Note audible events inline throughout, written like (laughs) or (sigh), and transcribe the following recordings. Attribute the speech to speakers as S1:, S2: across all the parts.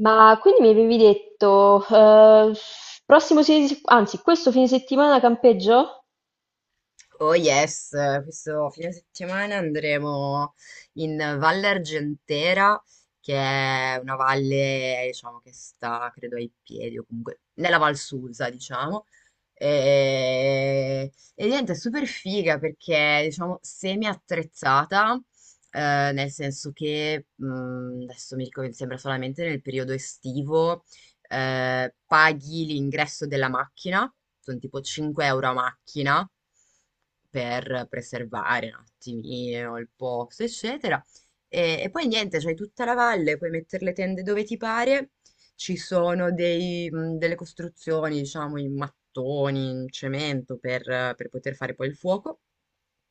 S1: Ma quindi mi avevi detto, prossimo fine, anzi, questo fine settimana campeggio?
S2: Oh yes, questo fine settimana andremo in Valle Argentera, che è una valle, diciamo, che sta, credo, ai piedi o comunque nella Val Susa, diciamo. E niente, è super figa perché, diciamo, semi-attrezzata, nel senso che, adesso mi ricordo, mi sembra solamente nel periodo estivo paghi l'ingresso della macchina, sono tipo 5 euro a macchina per preservare un attimino il posto, eccetera. E poi niente, c'hai tutta la valle, puoi mettere le tende dove ti pare, ci sono delle costruzioni, diciamo, in mattoni, in cemento per poter fare poi il fuoco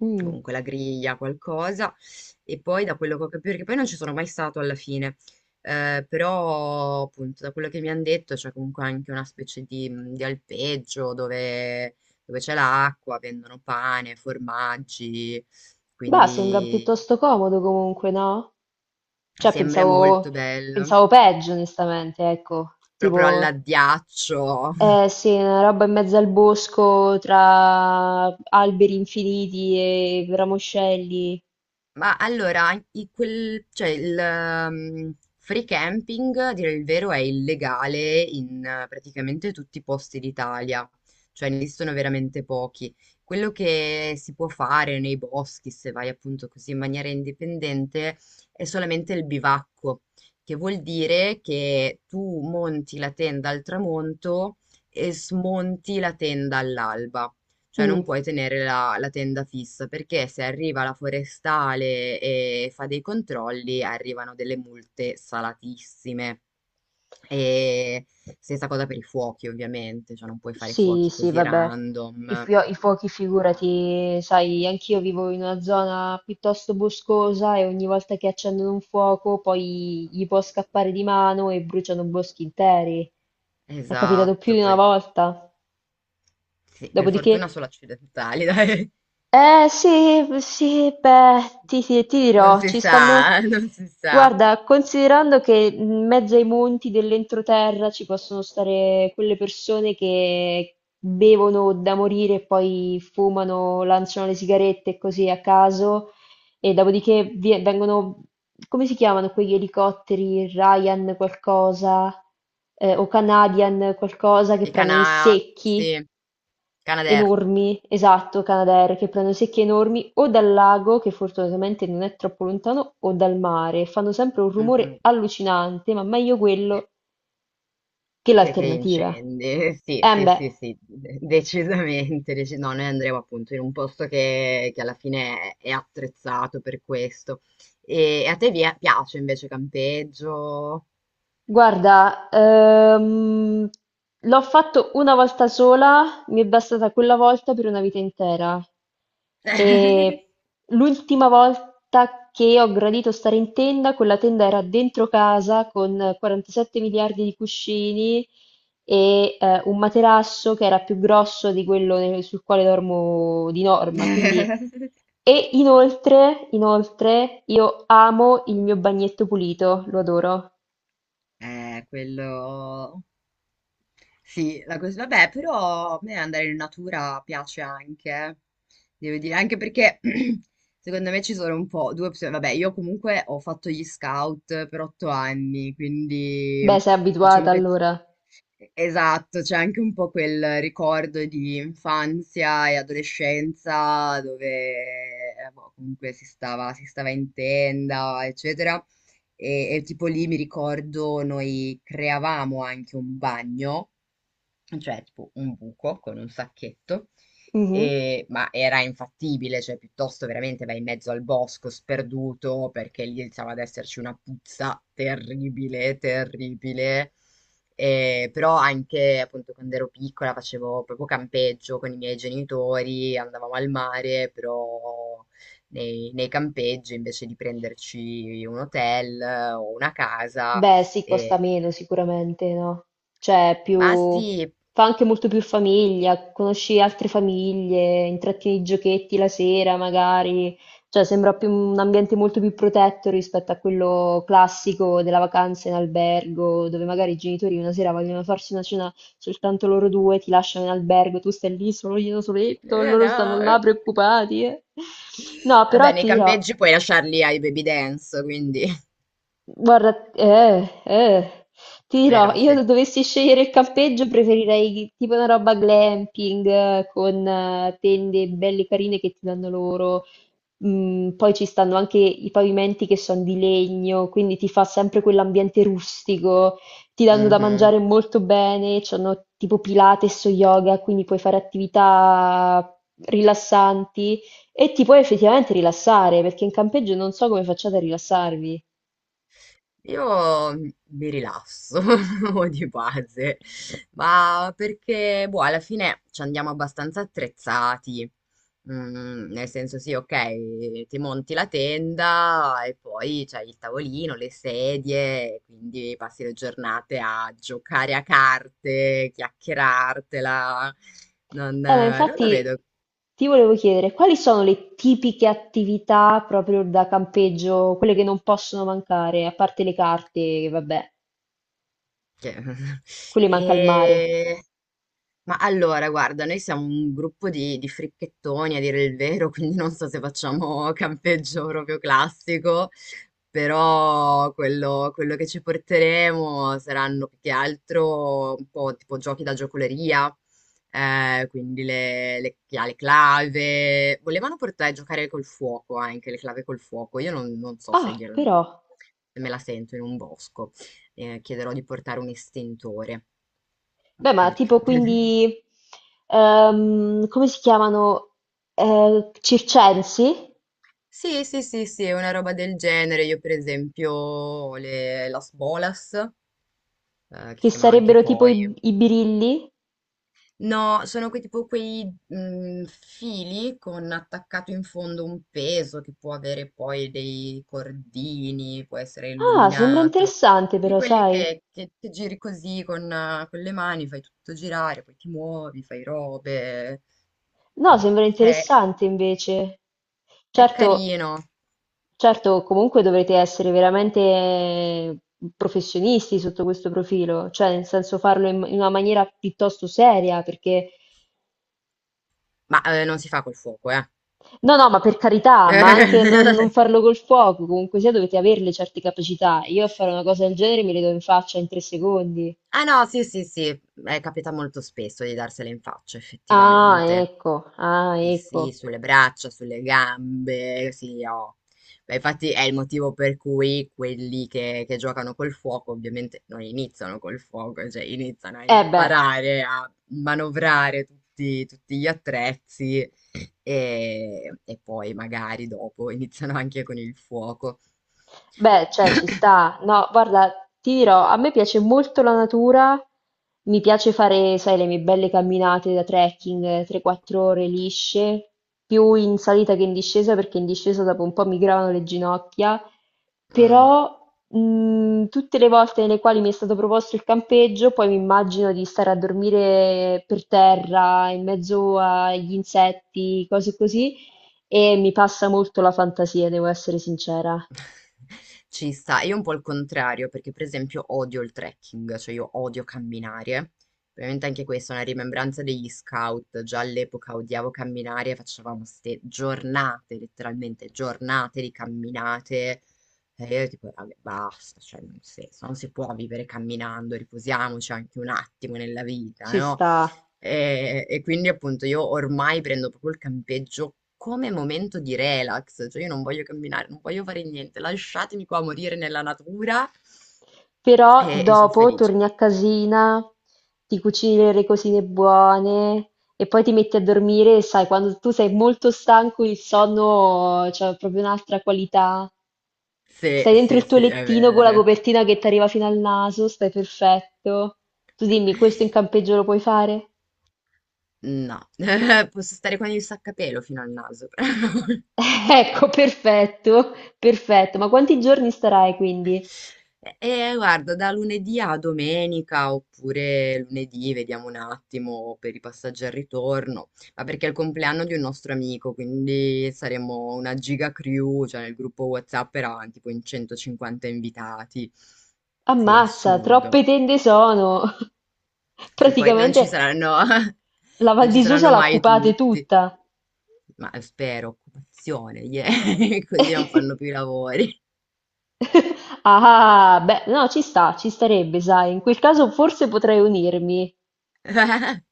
S1: Mm.
S2: comunque la griglia, qualcosa, e poi da quello che ho capito, perché poi non ci sono mai stato alla fine, però appunto da quello che mi hanno detto c'è comunque anche una specie di alpeggio dove c'è l'acqua, vendono pane, formaggi,
S1: Beh, sembra
S2: quindi
S1: piuttosto comodo comunque, no? Cioè,
S2: sembra
S1: pensavo,
S2: molto bello,
S1: pensavo peggio, onestamente, ecco.
S2: proprio
S1: Tipo,
S2: all'addiaccio. (laughs)
S1: eh sì, una roba in mezzo al bosco, tra alberi infiniti e ramoscelli.
S2: Ma allora, cioè il free camping, a dire il vero, è illegale in praticamente tutti i posti d'Italia, cioè ne esistono veramente pochi. Quello che si può fare nei boschi, se vai appunto così in maniera indipendente, è solamente il bivacco, che vuol dire che tu monti la tenda al tramonto e smonti la tenda all'alba. Cioè
S1: Mm.
S2: non puoi tenere la tenda fissa perché se arriva la forestale e fa dei controlli arrivano delle multe salatissime. E stessa cosa per i fuochi, ovviamente, cioè non puoi fare
S1: Sì,
S2: fuochi
S1: sì,
S2: così
S1: vabbè,
S2: random.
S1: i fuochi figurati, sai, anch'io vivo in una zona piuttosto boscosa e ogni volta che accendono un fuoco poi gli può scappare di mano e bruciano boschi interi. È capitato più
S2: Esatto,
S1: di una
S2: poi
S1: volta.
S2: sì, per
S1: Dopodiché
S2: fortuna solo accidentali, (laughs) dai.
S1: eh sì, sì, beh, ti
S2: Non
S1: dirò,
S2: si
S1: ci stanno...
S2: sa, non si sa.
S1: Guarda, considerando che in mezzo ai monti dell'entroterra ci possono stare quelle persone che bevono da morire e poi fumano, lanciano le sigarette così a caso e dopodiché vengono, come si chiamano quegli elicotteri, Ryan qualcosa, o Canadian qualcosa che prendono i secchi
S2: Sì, Canadair.
S1: enormi, esatto, Canadair, che prendono secchie enormi o dal lago, che fortunatamente non è troppo lontano, o dal mare. Fanno sempre un rumore allucinante, ma meglio quello che
S2: Che
S1: l'alternativa.
S2: incendi, (laughs) sì,
S1: Eh
S2: sì, sì,
S1: beh.
S2: sì, decisamente. No, noi andremo appunto in un posto che alla fine è attrezzato per questo. E, a te piace invece campeggio?
S1: Guarda, l'ho fatto una volta sola, mi è bastata quella volta per una vita intera. E l'ultima volta che ho gradito stare in tenda, quella tenda era dentro casa con 47 miliardi di cuscini e un materasso che era più grosso di quello sul quale dormo di norma. Quindi...
S2: (laughs)
S1: E inoltre, inoltre, io amo il mio bagnetto pulito, lo adoro.
S2: Quello. Sì, la cosa. Vabbè, però a me andare in natura piace anche, eh. Devo dire, anche perché (clears throat) secondo me ci sono un po' due opzioni. Vabbè, io comunque ho fatto gli scout per 8 anni, quindi
S1: Beh, sei
S2: diciamo
S1: abituata
S2: che.
S1: allora.
S2: Esatto, c'è anche un po' quel ricordo di infanzia e adolescenza dove boh, comunque si stava in tenda, eccetera. E tipo lì mi ricordo noi creavamo anche un bagno cioè tipo un buco con un sacchetto,
S1: Mhm.
S2: ma era infattibile, cioè piuttosto veramente vai in mezzo al bosco sperduto perché lì iniziava ad esserci una puzza terribile, terribile. Però anche appunto quando ero piccola facevo proprio campeggio con i miei genitori, andavamo al mare, però nei campeggi invece di prenderci un hotel o una casa.
S1: Beh, sì, costa
S2: Eh,
S1: meno sicuramente, no? Cioè,
S2: ma
S1: più...
S2: sì,
S1: fa anche molto più famiglia, conosci altre famiglie, intratti i giochetti la sera magari, cioè sembra più un ambiente molto più protetto rispetto a quello classico della vacanza in albergo, dove magari i genitori una sera vogliono farsi una cena soltanto loro due, ti lasciano in albergo, tu stai lì solo io soletto, loro stanno là
S2: (laughs)
S1: preoccupati. Eh. No,
S2: vabbè,
S1: però
S2: nei
S1: ti dirò.
S2: campeggi puoi lasciarli ai baby dance, quindi, (laughs)
S1: Guarda, ti dirò,
S2: vero,
S1: io
S2: sì.
S1: se dovessi scegliere il campeggio preferirei tipo una roba glamping con tende belle carine che ti danno loro. Mm, poi ci stanno anche i pavimenti che sono di legno, quindi ti fa sempre quell'ambiente rustico. Ti danno da
S2: Mhm.
S1: mangiare molto bene, c'hanno tipo Pilates o yoga, quindi puoi fare attività rilassanti e ti puoi effettivamente rilassare, perché in campeggio non so come facciate a rilassarvi.
S2: Io mi rilasso (laughs) di base, ma perché, boh, alla fine ci andiamo abbastanza attrezzati. Nel senso, sì, ok, ti monti la tenda e poi c'hai il tavolino, le sedie, quindi passi le giornate a giocare a carte, chiacchierartela. Non,
S1: Ma
S2: eh, non lo
S1: infatti
S2: vedo.
S1: ti volevo chiedere, quali sono le tipiche attività proprio da campeggio, quelle che non possono mancare, a parte le carte, che vabbè,
S2: Cioè, (laughs)
S1: quelle manca il mare.
S2: e. Ma allora, guarda, noi siamo un gruppo di fricchettoni, a dire il vero, (laughs) quindi non so se facciamo campeggio proprio classico, però quello che ci porteremo saranno più che altro un po' tipo giochi da giocoleria, quindi chi ha le clave. Volevano portare a giocare col fuoco anche, le clave col fuoco. Io non so se,
S1: Ah,
S2: gliel-
S1: però.
S2: se me la sento in un bosco. Chiederò di portare un estintore,
S1: Beh, ma
S2: perché.
S1: tipo
S2: (laughs)
S1: quindi, come si chiamano? Circensi?
S2: Sì, sì, sì, sì, è una roba del genere. Io, per esempio, ho le Las Bolas, che si
S1: Che
S2: chiamano anche i
S1: sarebbero tipo
S2: poi.
S1: i birilli?
S2: No, sono tipo quei fili con attaccato in fondo un peso che può avere poi dei cordini, può essere
S1: Ah, sembra
S2: illuminato.
S1: interessante
S2: Di
S1: però,
S2: quelli
S1: sai?
S2: che giri così con le mani, fai tutto girare, poi ti muovi, fai robe.
S1: No, sembra
S2: È,
S1: interessante invece.
S2: è
S1: Certo,
S2: carino,
S1: certo, comunque dovrete essere veramente professionisti sotto questo profilo, cioè nel senso farlo in una maniera piuttosto seria, perché
S2: ma non si fa col fuoco, eh.
S1: no, no, ma per carità, ma anche non
S2: Eh, (laughs)
S1: farlo col fuoco, comunque sia dovete averle certe capacità. Io a fare una cosa del genere mi le do in faccia in 3 secondi.
S2: ah no, sì, sì, sì, è capita molto spesso di darsele in faccia,
S1: Ah,
S2: effettivamente.
S1: ecco, ah,
S2: Sì, sì,
S1: ecco.
S2: sulle braccia, sulle gambe, sì, oh. Beh, infatti è il motivo per cui quelli che giocano col fuoco ovviamente non iniziano col fuoco, cioè iniziano a
S1: Eh beh.
S2: imparare a manovrare tutti gli attrezzi e poi magari dopo iniziano anche con il fuoco.
S1: Beh, cioè ci sta. No, guarda, ti dirò, a me piace molto la natura, mi piace fare, sai, le mie belle camminate da trekking, 3-4 ore lisce, più in salita che in discesa, perché in discesa dopo un po' mi gravano le ginocchia,
S2: Mm.
S1: però tutte le volte nelle quali mi è stato proposto il campeggio, poi mi immagino di stare a dormire per terra, in mezzo agli insetti, cose così, e mi passa molto la fantasia, devo essere sincera.
S2: (laughs) Ci sta. Io un po' il contrario, perché per esempio odio il trekking, cioè io odio camminare. Probabilmente anche questa è una rimembranza degli scout. Già all'epoca odiavo camminare, e facevamo ste giornate, letteralmente giornate di camminate. E io tipo, vabbè, basta, cioè, nel senso, non si può vivere camminando, riposiamoci anche un attimo nella vita,
S1: Ci
S2: no?
S1: sta.
S2: E quindi appunto io ormai prendo proprio il campeggio come momento di relax, cioè io non voglio camminare, non voglio fare niente, lasciatemi qua morire nella natura
S1: Però
S2: e sono
S1: dopo
S2: felice.
S1: torni a casina, ti cucini delle cosine buone e poi ti metti a dormire e sai, quando tu sei molto stanco il sonno c'ha proprio un'altra qualità.
S2: Sì,
S1: Stai dentro
S2: sì,
S1: il tuo
S2: sì, è
S1: lettino con la
S2: vero.
S1: copertina che ti arriva fino al naso, stai perfetto. Tu dimmi, questo in campeggio lo puoi fare?
S2: No, (laughs) posso stare con il sacca pelo fino al naso. (laughs)
S1: (laughs) Ecco, perfetto, perfetto. Ma quanti giorni starai quindi?
S2: E guarda, da lunedì a domenica oppure lunedì, vediamo un attimo per i passaggi al ritorno, ma perché è il compleanno di un nostro amico, quindi saremo una giga crew, cioè nel gruppo WhatsApp erano tipo in 150 invitati. Sì,
S1: Ammazza,
S2: assurdo.
S1: troppe tende sono! (laughs)
S2: Sì, poi non ci
S1: Praticamente
S2: saranno, (laughs)
S1: la Val
S2: non ci
S1: di Susa
S2: saranno
S1: la
S2: mai
S1: occupate
S2: tutti,
S1: tutta.
S2: ma spero, occupazione, yeah, (laughs) così non fanno più i
S1: (laughs)
S2: lavori.
S1: Ah, beh, no, ci sta, ci starebbe, sai. In quel caso forse potrei unirmi.
S2: (laughs)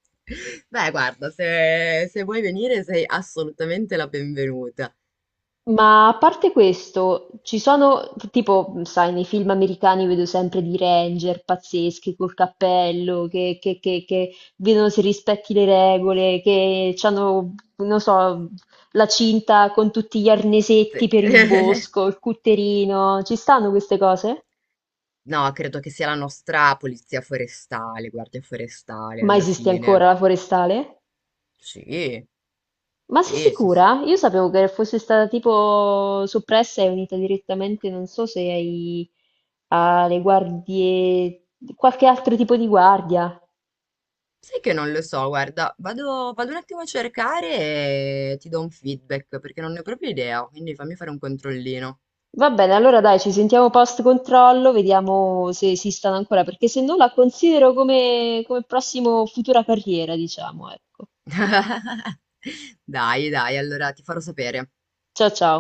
S2: Beh, guarda, se vuoi venire sei assolutamente la benvenuta.
S1: Ma a parte questo, ci sono, tipo, sai, nei film americani vedo sempre di ranger pazzeschi col cappello, che vedono se rispetti le regole, che hanno, non so, la cinta con tutti gli arnesetti
S2: Te-
S1: per il
S2: (laughs)
S1: bosco, il cutterino. Ci stanno queste cose?
S2: No, credo che sia la nostra polizia forestale, guardia forestale
S1: Ma
S2: alla
S1: esiste ancora
S2: fine.
S1: la forestale?
S2: Sì,
S1: Ma sei
S2: sì, sì, sì.
S1: sicura? Io sapevo che fosse stata tipo soppressa e unita direttamente, non so se alle guardie, qualche altro tipo di guardia.
S2: Sai che non lo so, guarda, vado un attimo a cercare e ti do un feedback perché non ne ho proprio idea, quindi fammi fare un controllino.
S1: Va bene, allora dai, ci sentiamo post controllo, vediamo se esistono ancora, perché se no la considero come, come prossimo futura carriera, diciamo, ecco.
S2: (laughs) Dai, dai, allora ti farò sapere.
S1: Ciao ciao.